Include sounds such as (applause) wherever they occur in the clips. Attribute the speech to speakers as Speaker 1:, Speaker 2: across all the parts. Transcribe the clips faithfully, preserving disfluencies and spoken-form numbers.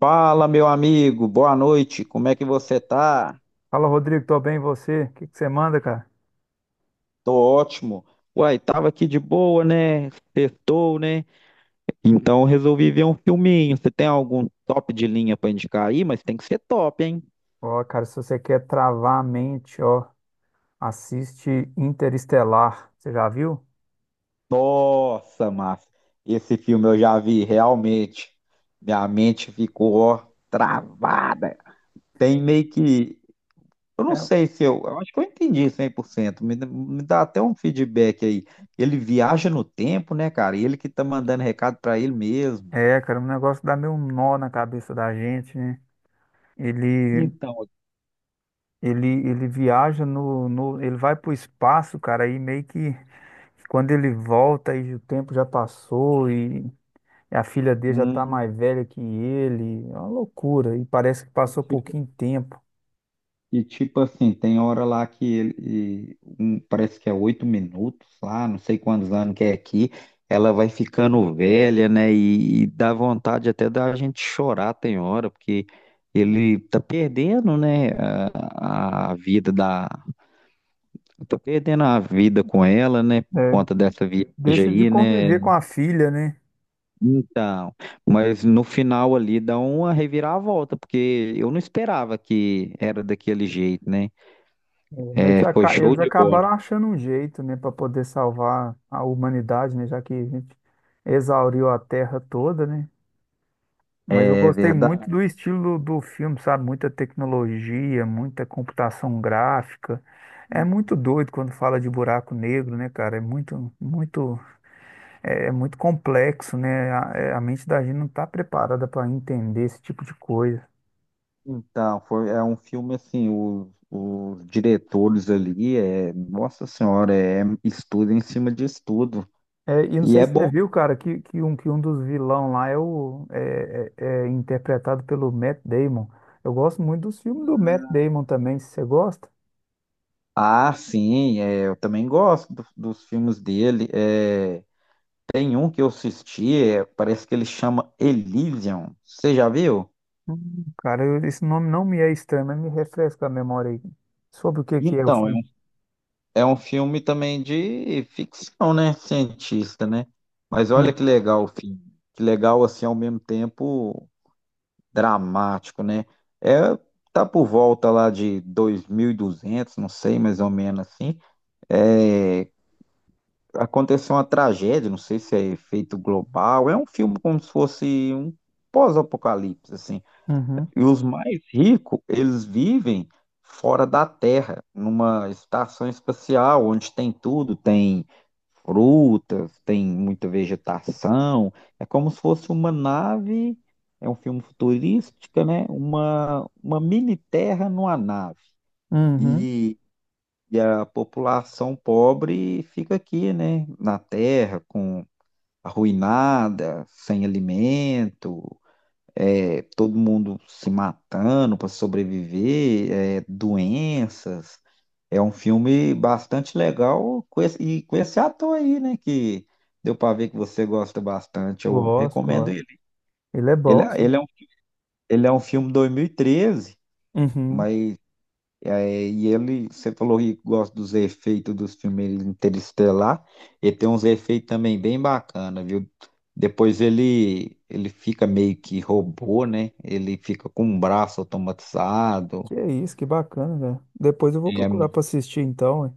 Speaker 1: Fala, meu amigo, boa noite, como é que você tá?
Speaker 2: Fala, Rodrigo, tô bem, e você? O que que você manda, cara?
Speaker 1: Tô ótimo. Uai, tava aqui de boa, né? Sextou, né? Então eu resolvi ver um filminho. Você tem algum top de linha pra indicar aí? Mas tem que ser top, hein?
Speaker 2: Ó, cara, se você quer travar a mente, ó, assiste Interestelar. Você já viu?
Speaker 1: Nossa, Márcio, esse filme eu já vi, realmente. Minha mente ficou, ó, travada. Tem meio que. Eu não
Speaker 2: É,
Speaker 1: sei se eu, eu acho que eu entendi cem por cento. Me, dá- me dá até um feedback aí. Ele viaja no tempo, né, cara? Ele que tá mandando recado pra ele mesmo.
Speaker 2: é, cara, um negócio que dá meio um nó na cabeça da gente, né? Ele,
Speaker 1: Então.
Speaker 2: ele, ele viaja no, no, ele vai pro espaço, cara, e meio que quando ele volta aí o tempo já passou e a filha dele já tá
Speaker 1: hum,
Speaker 2: mais velha que ele, é uma loucura, e parece que passou pouquinho tempo.
Speaker 1: e tipo assim, tem hora lá que ele, e, um, parece que é oito minutos lá, não sei quantos anos que é aqui. Ela vai ficando velha, né? E, e dá vontade até da gente chorar, tem hora, porque ele tá perdendo, né, a, a vida da. Eu tô perdendo a vida com ela, né? Por
Speaker 2: É.
Speaker 1: conta dessa viagem
Speaker 2: Deixa de
Speaker 1: aí,
Speaker 2: conviver com
Speaker 1: né?
Speaker 2: a filha, né?
Speaker 1: Então, mas no final ali dá uma reviravolta, porque eu não esperava que era daquele jeito, né?
Speaker 2: É, Mas
Speaker 1: É, foi
Speaker 2: aca-
Speaker 1: show
Speaker 2: eles
Speaker 1: de bola.
Speaker 2: acabaram achando um jeito, né, para poder salvar a humanidade, né, já que a gente exauriu a Terra toda, né? Mas eu
Speaker 1: É
Speaker 2: gostei muito
Speaker 1: verdade.
Speaker 2: do estilo do filme, sabe? Muita tecnologia, muita computação gráfica. É muito doido quando fala de buraco negro, né, cara? É muito, muito, é, é muito complexo, né? A, é, a mente da gente não está preparada para entender esse tipo de coisa.
Speaker 1: Então, foi, é um filme assim, o- os diretores ali, é, nossa senhora, é estudo em cima de estudo.
Speaker 2: É, e não
Speaker 1: E
Speaker 2: sei
Speaker 1: é
Speaker 2: se você
Speaker 1: bom.
Speaker 2: viu, cara, que, que, um, que um dos vilão lá é, o, é, é- é interpretado pelo Matt Damon. Eu gosto muito dos filmes do Matt Damon também, se você gosta.
Speaker 1: Ah, sim, é, eu também gosto do- dos filmes dele. É, tem um que eu assisti, é, parece que ele chama Elysium. Você já viu?
Speaker 2: Hum. Cara, eu- esse nome não me é estranho, mas me refresca a memória aí. Sobre o que que é o
Speaker 1: Então, é um,
Speaker 2: filme?
Speaker 1: é um filme também de ficção, né? Cientista, né? Mas olha que
Speaker 2: Hum.
Speaker 1: legal o filme. Que legal, assim, ao mesmo tempo dramático, né? É, tá por volta lá de dois mil e duzentos, não sei, mais ou menos assim. É, aconteceu uma tragédia, não sei se é efeito global. É um filme como se fosse um pós-apocalipse, assim.
Speaker 2: Uhum,
Speaker 1: E os mais ricos, eles vivem fora da Terra, numa estação espacial, onde tem tudo, tem frutas, tem muita vegetação. É como se fosse uma nave, é um filme futurístico, né? Uma, uma mini terra numa nave.
Speaker 2: uhum.
Speaker 1: E, e a população pobre fica aqui, né? Na terra, com arruinada, sem alimento, é, todo mundo se matando para sobreviver, é, doenças. É um filme bastante legal com esse- e com esse ator aí, né? Que deu para ver que você gosta bastante. Eu
Speaker 2: Gosto,
Speaker 1: recomendo
Speaker 2: gosto.
Speaker 1: ele.
Speaker 2: Ele é
Speaker 1: Ele,
Speaker 2: bom, só.
Speaker 1: ele é um, ele é um filme dois mil e treze,
Speaker 2: Uhum.
Speaker 1: mas é, e ele, você falou que gosta dos efeitos dos filmes Interestelar, ele tem uns efeitos também bem bacana, viu? Depois ele, ele fica meio que robô, né? Ele fica com um braço automatizado,
Speaker 2: Que é isso, que bacana, velho. Depois eu vou
Speaker 1: é,
Speaker 2: procurar pra
Speaker 1: mu-
Speaker 2: assistir então, ué.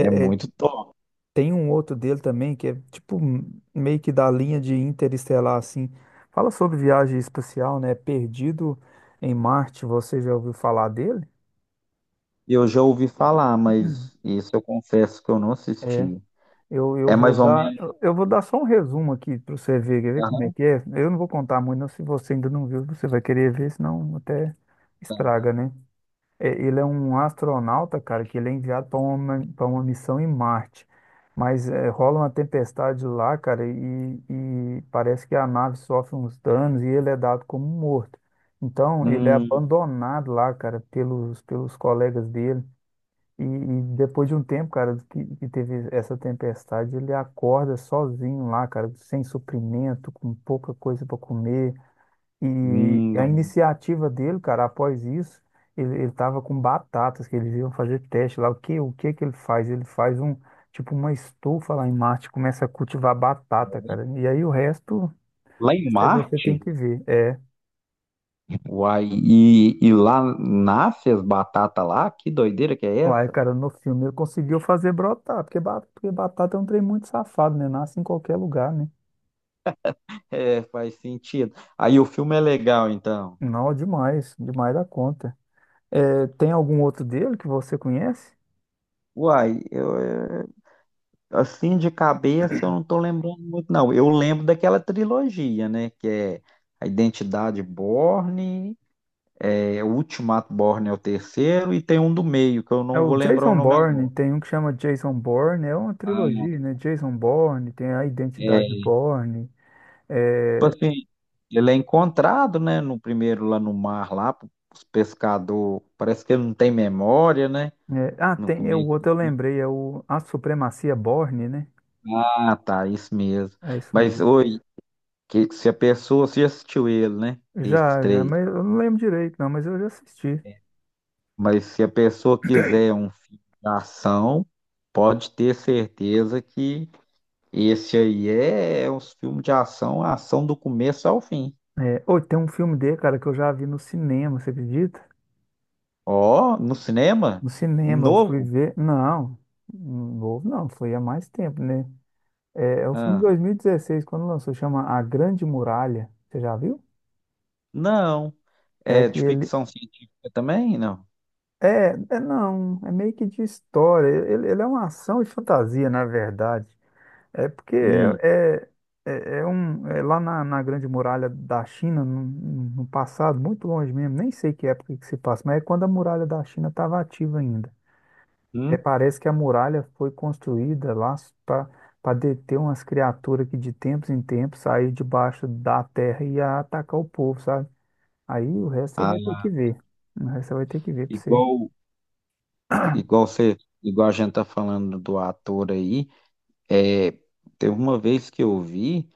Speaker 1: é
Speaker 2: é,
Speaker 1: muito top.
Speaker 2: Tem um outro dele também que é tipo m- meio que da linha de Interestelar, assim. Fala sobre viagem espacial, né? Perdido em Marte, você já ouviu falar dele?
Speaker 1: Eu já ouvi falar, mas isso eu confesso que eu não
Speaker 2: É,
Speaker 1: assisti.
Speaker 2: eu, eu
Speaker 1: É
Speaker 2: vou
Speaker 1: mais ou
Speaker 2: dar,
Speaker 1: menos.
Speaker 2: eu vou dar só um resumo aqui para você ver, quer ver como é
Speaker 1: Aham.
Speaker 2: que é. Eu não vou contar muito, não. Se você ainda não viu, você vai querer ver, senão até estraga, né? É, ele é um astronauta, cara, que ele é enviado para uma, para uma missão em Marte. Mas é, rola uma tempestade lá, cara, e, e parece que a nave sofre uns danos e ele é dado como morto. Então, ele é
Speaker 1: Hum.
Speaker 2: abandonado lá, cara, pelos, pelos colegas dele. E, e depois de um tempo, cara, que, que teve essa tempestade, ele acorda sozinho lá, cara, sem suprimento, com pouca coisa para comer. E
Speaker 1: Hum,
Speaker 2: a
Speaker 1: não.
Speaker 2: iniciativa dele, cara, após isso, ele, ele tava com batatas, que eles iam fazer teste lá. O que, o que que ele faz? Ele faz um, tipo, uma estufa lá em Marte, começa a cultivar batata, cara. E aí o resto,
Speaker 1: Lá em
Speaker 2: essa aí você tem
Speaker 1: Marte,
Speaker 2: que ver. É,
Speaker 1: uai, e, e lá nasce as batatas lá, que doideira que é
Speaker 2: uai,
Speaker 1: essa?
Speaker 2: cara, no filme ele conseguiu fazer brotar, porque, ba- porque batata é um trem muito safado, né? Nasce em qualquer lugar, né?
Speaker 1: É, faz sentido. Aí o filme é legal, então.
Speaker 2: Não, demais, demais da conta. É, tem algum outro dele que você conhece?
Speaker 1: Uai, eu, eh, assim de cabeça eu não tô lembrando muito, não. Eu lembro daquela trilogia, né? Que é A Identidade Bourne, é, o Ultimato Bourne é o terceiro, e tem um do meio, que eu
Speaker 2: É
Speaker 1: não
Speaker 2: o
Speaker 1: vou lembrar o
Speaker 2: Jason
Speaker 1: nome
Speaker 2: Bourne,
Speaker 1: agora.
Speaker 2: tem um que chama Jason Bourne, é uma
Speaker 1: Ah,
Speaker 2: trilogia, né? Jason Bourne, tem a Identidade
Speaker 1: é.
Speaker 2: Bourne,
Speaker 1: Tipo
Speaker 2: é,
Speaker 1: assim, ele é encontrado, né? No primeiro lá no mar, lá, os pescadores. Parece que ele não tem memória, né?
Speaker 2: é- ah,
Speaker 1: No
Speaker 2: tem, é o
Speaker 1: começo do
Speaker 2: outro eu
Speaker 1: filme.
Speaker 2: lembrei, é o A Supremacia Bourne, né?
Speaker 1: Ah, tá, isso mesmo.
Speaker 2: É isso
Speaker 1: Mas,
Speaker 2: mesmo.
Speaker 1: oi, que se a pessoa, você já assistiu ele, né? Esse
Speaker 2: Já, já,
Speaker 1: trailer.
Speaker 2: mas eu não lembro direito, não, mas eu já assisti.
Speaker 1: Mas se a pessoa quiser um filme de ação, pode ter certeza que esse aí é um filme de ação, ação do começo ao fim.
Speaker 2: É, ô, tem um filme dele, cara, que eu já vi no cinema, você acredita?
Speaker 1: Ó, no cinema?
Speaker 2: No cinema, eu fui
Speaker 1: Novo?
Speaker 2: ver, não, novo não, foi há mais tempo, né? É, é um filme de
Speaker 1: Ah,
Speaker 2: dois mil e dezesseis, quando lançou, chama A Grande Muralha, você já viu?
Speaker 1: não.
Speaker 2: É
Speaker 1: É
Speaker 2: que
Speaker 1: de
Speaker 2: ele,
Speaker 1: ficção científica também? Não.
Speaker 2: É, é não, é meio que de história. Ele, ele é uma ação e fantasia, na verdade. É porque
Speaker 1: Hum.
Speaker 2: é, é, é- é um, é lá na, na Grande Muralha da China, no, no passado, muito longe mesmo, nem sei que época que se passa, mas é quando a Muralha da China estava ativa ainda. É,
Speaker 1: hum.
Speaker 2: parece que a muralha foi construída lá para deter umas criaturas que de tempos em tempos saíam debaixo da terra e ia atacar o povo, sabe? Aí o resto você vai ter que
Speaker 1: Ah,
Speaker 2: ver. O resto você vai ter que ver para você.
Speaker 1: igual, igual você, igual a gente tá falando do ator aí, é, teve uma vez que eu vi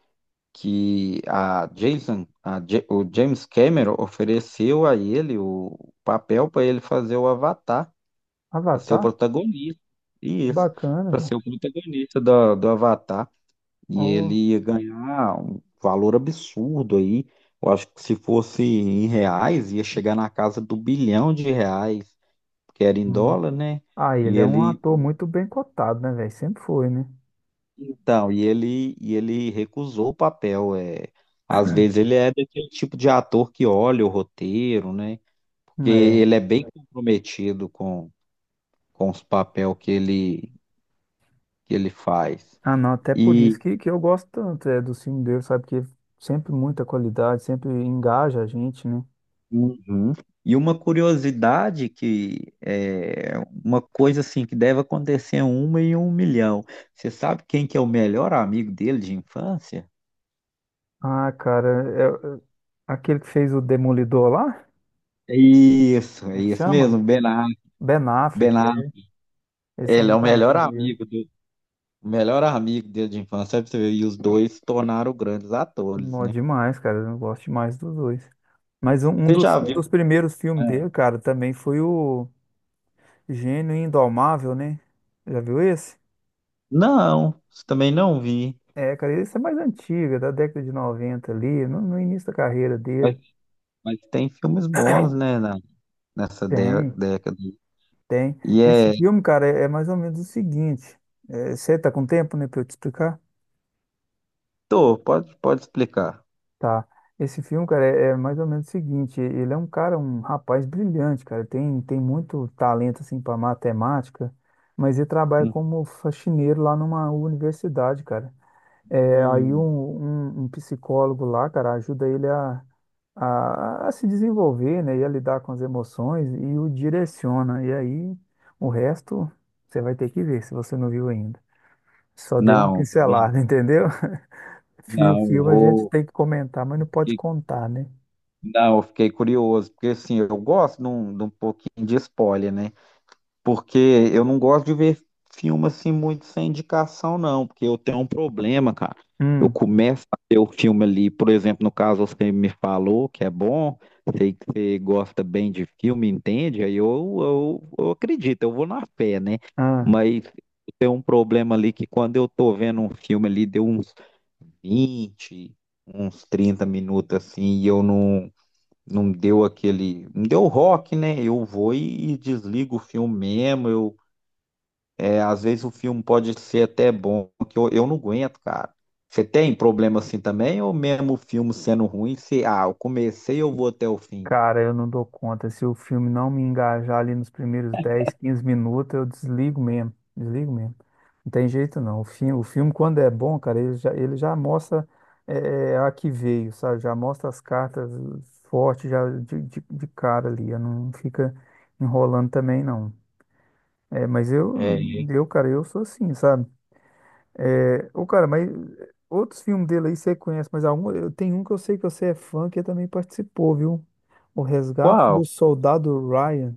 Speaker 1: que a Jason, a Ja- o James Cameron ofereceu a ele o papel para ele fazer o Avatar, para ser o
Speaker 2: Avatar?
Speaker 1: protagonista.
Speaker 2: Que
Speaker 1: Isso,
Speaker 2: bacana,
Speaker 1: para
Speaker 2: cara.
Speaker 1: ser o protagonista do, do Avatar. E ele
Speaker 2: Ó.
Speaker 1: ia ganhar um valor absurdo aí. Eu acho que se fosse em reais, ia chegar na casa do bilhão de reais, porque era em
Speaker 2: Hum.
Speaker 1: dólar, né?
Speaker 2: Ah,
Speaker 1: E
Speaker 2: ele é um
Speaker 1: ele.
Speaker 2: ator muito bem cotado, né, velho? Sempre foi, né?
Speaker 1: Então, e ele, e ele recusou o papel. É, às vezes ele é daquele tipo de ator que olha o roteiro, né? Porque
Speaker 2: É.
Speaker 1: ele é bem comprometido com, com os papéis que ele, que ele faz.
Speaker 2: Ah, não, até por isso
Speaker 1: E,
Speaker 2: que, que eu gosto tanto é, do filme dele, sabe? Porque sempre muita qualidade, sempre engaja a gente, né?
Speaker 1: uhum. E uma curiosidade que é uma coisa assim que deve acontecer é uma em um milhão. Você sabe quem que é o melhor amigo dele de infância?
Speaker 2: Ah, cara, é, é, aquele que fez o Demolidor lá,
Speaker 1: Isso, é
Speaker 2: como é que
Speaker 1: isso
Speaker 2: chama?
Speaker 1: mesmo, Ben Affleck.
Speaker 2: Ben Affleck,
Speaker 1: Ben
Speaker 2: é.
Speaker 1: Affleck,
Speaker 2: Eles são
Speaker 1: ele é o
Speaker 2: muito
Speaker 1: melhor
Speaker 2: amigos mesmo.
Speaker 1: amigo do. O melhor amigo dele de infância, pra você ver, e os dois se tornaram grandes atores,
Speaker 2: Mó
Speaker 1: né?
Speaker 2: demais, cara, eu gosto demais dos dois. Mas um, um
Speaker 1: Você
Speaker 2: dos,
Speaker 1: já
Speaker 2: um
Speaker 1: viu?
Speaker 2: dos primeiros filmes
Speaker 1: É.
Speaker 2: dele, cara, também foi o Gênio Indomável, né? Já viu esse?
Speaker 1: Não, isso também não vi.
Speaker 2: É, cara, isso é mais antiga, da década de noventa ali, no, no início da carreira
Speaker 1: Mas,
Speaker 2: dele.
Speaker 1: mas tem filmes bons, né, na- nessa dé-
Speaker 2: Tem,
Speaker 1: década.
Speaker 2: tem.
Speaker 1: E
Speaker 2: Esse
Speaker 1: é.
Speaker 2: filme, cara, é, é mais ou menos o seguinte. É, você tá com tempo, né, pra eu te explicar?
Speaker 1: Tô, pode, pode explicar.
Speaker 2: Tá. Esse filme, cara, é, é mais ou menos o seguinte. Ele é um cara, um rapaz brilhante, cara. Tem, tem muito talento, assim, pra matemática, mas ele trabalha como faxineiro lá numa universidade, cara. É, aí
Speaker 1: Hum.
Speaker 2: um, um- um psicólogo lá, cara, ajuda ele a, a, a se desenvolver, né, e a lidar com as emoções e o direciona. E aí o resto você vai ter que ver se você não viu ainda. Só dei uma
Speaker 1: Não, vi-
Speaker 2: pincelada, (laughs) entendeu? Fio,
Speaker 1: não, eu
Speaker 2: fio a gente
Speaker 1: vou.
Speaker 2: tem que comentar, mas não pode contar, né?
Speaker 1: Não, eu fiquei curioso, porque assim, eu gosto de um, de um pouquinho de spoiler, né? Porque eu não gosto de ver filme assim muito sem indicação, não, porque eu tenho um problema, cara. Eu
Speaker 2: Hum.
Speaker 1: começo a ver o filme ali, por exemplo, no caso você me falou que é bom, sei que você gosta bem de filme, entende? Aí eu, eu, eu acredito, eu vou na fé, né? Mas tem um problema ali que quando eu tô vendo um filme ali, deu uns vinte, uns trinta minutos assim, e eu não não deu aquele, não deu rock, né? Eu vou e, e desligo o filme mesmo, eu é, às vezes o filme pode ser até bom, que eu, eu não aguento, cara. Você tem problema assim também, ou mesmo o filme sendo ruim, se, ah, eu comecei, eu vou até o fim?
Speaker 2: Cara, eu não dou conta. Se o filme não me engajar ali nos primeiros dez quinze minutos, eu desligo mesmo. Desligo mesmo. Não tem jeito não. O filme, o filme quando é bom, cara, ele já, ele já mostra eh, a que veio, sabe? Já mostra as cartas fortes já de, de, de cara ali. Eu não fica enrolando também, não. É, mas eu,
Speaker 1: É
Speaker 2: eu, cara, eu sou assim, sabe? É, ô, cara, mas eh, outros filmes dele aí você conhece, mas algum, eu tenho um que eu sei que você é fã, que também participou, viu? O Resgate do
Speaker 1: qual?
Speaker 2: Soldado Ryan.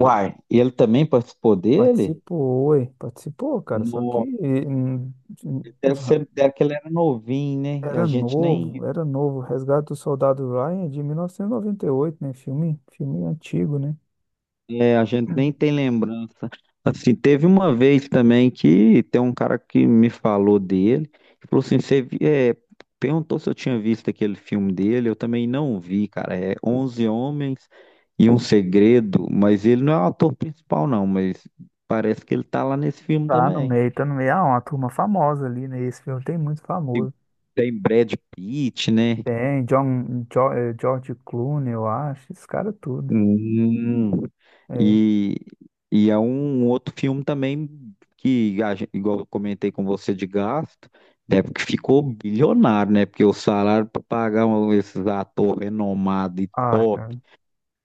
Speaker 1: Uai, ele também participou dele?
Speaker 2: Participou, ué, participou, cara, só que
Speaker 1: Nossa,
Speaker 2: hum, hum,
Speaker 1: deve
Speaker 2: os-
Speaker 1: ser, deve que ele era novinho, né? A
Speaker 2: era
Speaker 1: gente nem.
Speaker 2: novo, era novo. O Resgate do Soldado Ryan é de mil novecentos e noventa e oito, né? Filme, filme antigo, né?
Speaker 1: É, a gente nem tem lembrança. Assim, teve uma vez também que tem um cara que me falou dele, que falou assim, você vi- é, perguntou se eu tinha visto aquele filme dele, eu também não vi, cara. É onze Homens e um Segredo, mas ele não é o ator principal não, mas parece que ele tá lá nesse filme
Speaker 2: Tá no
Speaker 1: também.
Speaker 2: meio, tá no meio. Ah, uma turma famosa ali, né? Esse filme tem muito famoso.
Speaker 1: Tem Brad Pitt, né?
Speaker 2: Tem John, Jo- eh, George Clooney, eu acho, esse cara tudo.
Speaker 1: Hum,
Speaker 2: É.
Speaker 1: e, e é um outro filme também que, a gen- igual eu comentei com você de gasto, é porque ficou bilionário, né? Porque o salário para pagar um- esses atores renomados e
Speaker 2: Ah,
Speaker 1: top
Speaker 2: cara.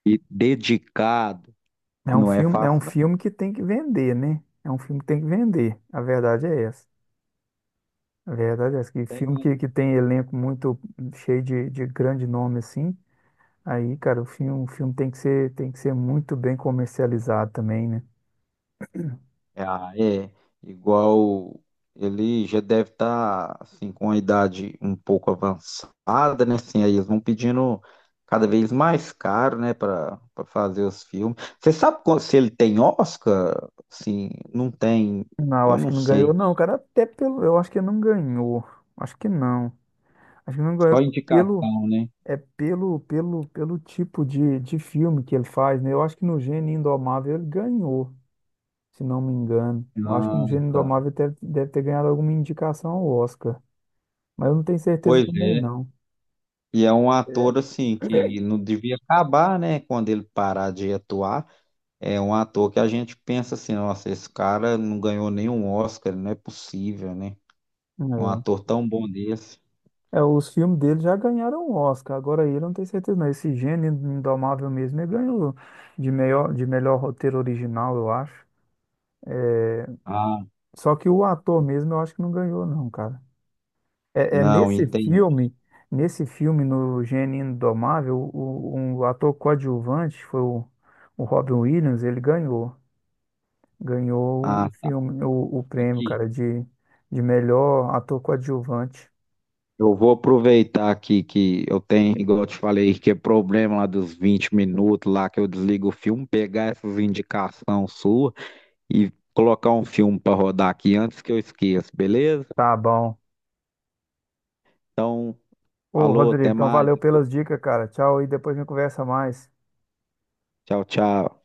Speaker 1: e dedicado
Speaker 2: É um
Speaker 1: não é
Speaker 2: filme, é um
Speaker 1: fácil,
Speaker 2: filme que tem que vender, né? É um filme que tem que vender. A verdade é essa. A verdade é essa. Que filme
Speaker 1: não.
Speaker 2: que, que tem elenco muito cheio de, de grande nome assim, aí, cara, o filme, o filme tem que ser, tem que ser muito bem comercializado também, né?
Speaker 1: Ah, é. Igual ele já deve estar assim com a idade um pouco avançada, né? Assim, aí eles vão pedindo cada vez mais caro, né, para fazer os filmes. Você sabe qual- se ele tem Oscar? Assim, não tem,
Speaker 2: Não, eu
Speaker 1: eu
Speaker 2: acho
Speaker 1: não
Speaker 2: que não ganhou,
Speaker 1: sei.
Speaker 2: não, cara. Até pelo, eu acho que não ganhou. Acho que não. Acho que não ganhou
Speaker 1: Só
Speaker 2: pelo,
Speaker 1: indicação, né?
Speaker 2: é pelo, pelo, pelo tipo de, de filme que ele faz, né? Eu acho que no Gênio Indomável ele ganhou, se não me engano. Eu acho que o
Speaker 1: Ah,
Speaker 2: Gênio
Speaker 1: tá.
Speaker 2: Indomável deve, deve ter ganhado alguma indicação ao Oscar, mas eu não tenho certeza
Speaker 1: Pois
Speaker 2: também,
Speaker 1: é.
Speaker 2: não.
Speaker 1: E é um
Speaker 2: É.
Speaker 1: ator assim que não devia acabar, né, quando ele parar de atuar. É um ator que a gente pensa assim, nossa, esse cara não ganhou nenhum Oscar, não é possível, né? Um
Speaker 2: É,
Speaker 1: ator tão bom desse.
Speaker 2: É, os filmes dele já ganharam o Oscar, agora ele eu não tenho certeza, não. Esse Gênio Indomável mesmo, ele ganhou de melhor, de melhor roteiro original, eu acho. É,
Speaker 1: Ah,
Speaker 2: só que o ator mesmo eu acho que não ganhou, não, cara. É, é
Speaker 1: não,
Speaker 2: nesse
Speaker 1: entendi.
Speaker 2: filme, nesse filme, no Gênio Indomável, o, o, um ator coadjuvante foi o, o Robin Williams, ele ganhou. Ganhou o
Speaker 1: Ah,
Speaker 2: filme, o, o prêmio,
Speaker 1: aqui.
Speaker 2: cara, de, de melhor ator coadjuvante.
Speaker 1: Eu vou aproveitar aqui que eu tenho, igual eu te falei, que é problema lá dos vinte minutos lá que eu desligo o filme, pegar essas indicações suas e colocar um filme para rodar aqui antes que eu esqueça, beleza?
Speaker 2: Tá bom.
Speaker 1: Então,
Speaker 2: Ô,
Speaker 1: falou,
Speaker 2: Rodrigo,
Speaker 1: até
Speaker 2: então
Speaker 1: mais.
Speaker 2: valeu pelas dicas, cara. Tchau e depois a gente conversa mais.
Speaker 1: Tchau, tchau.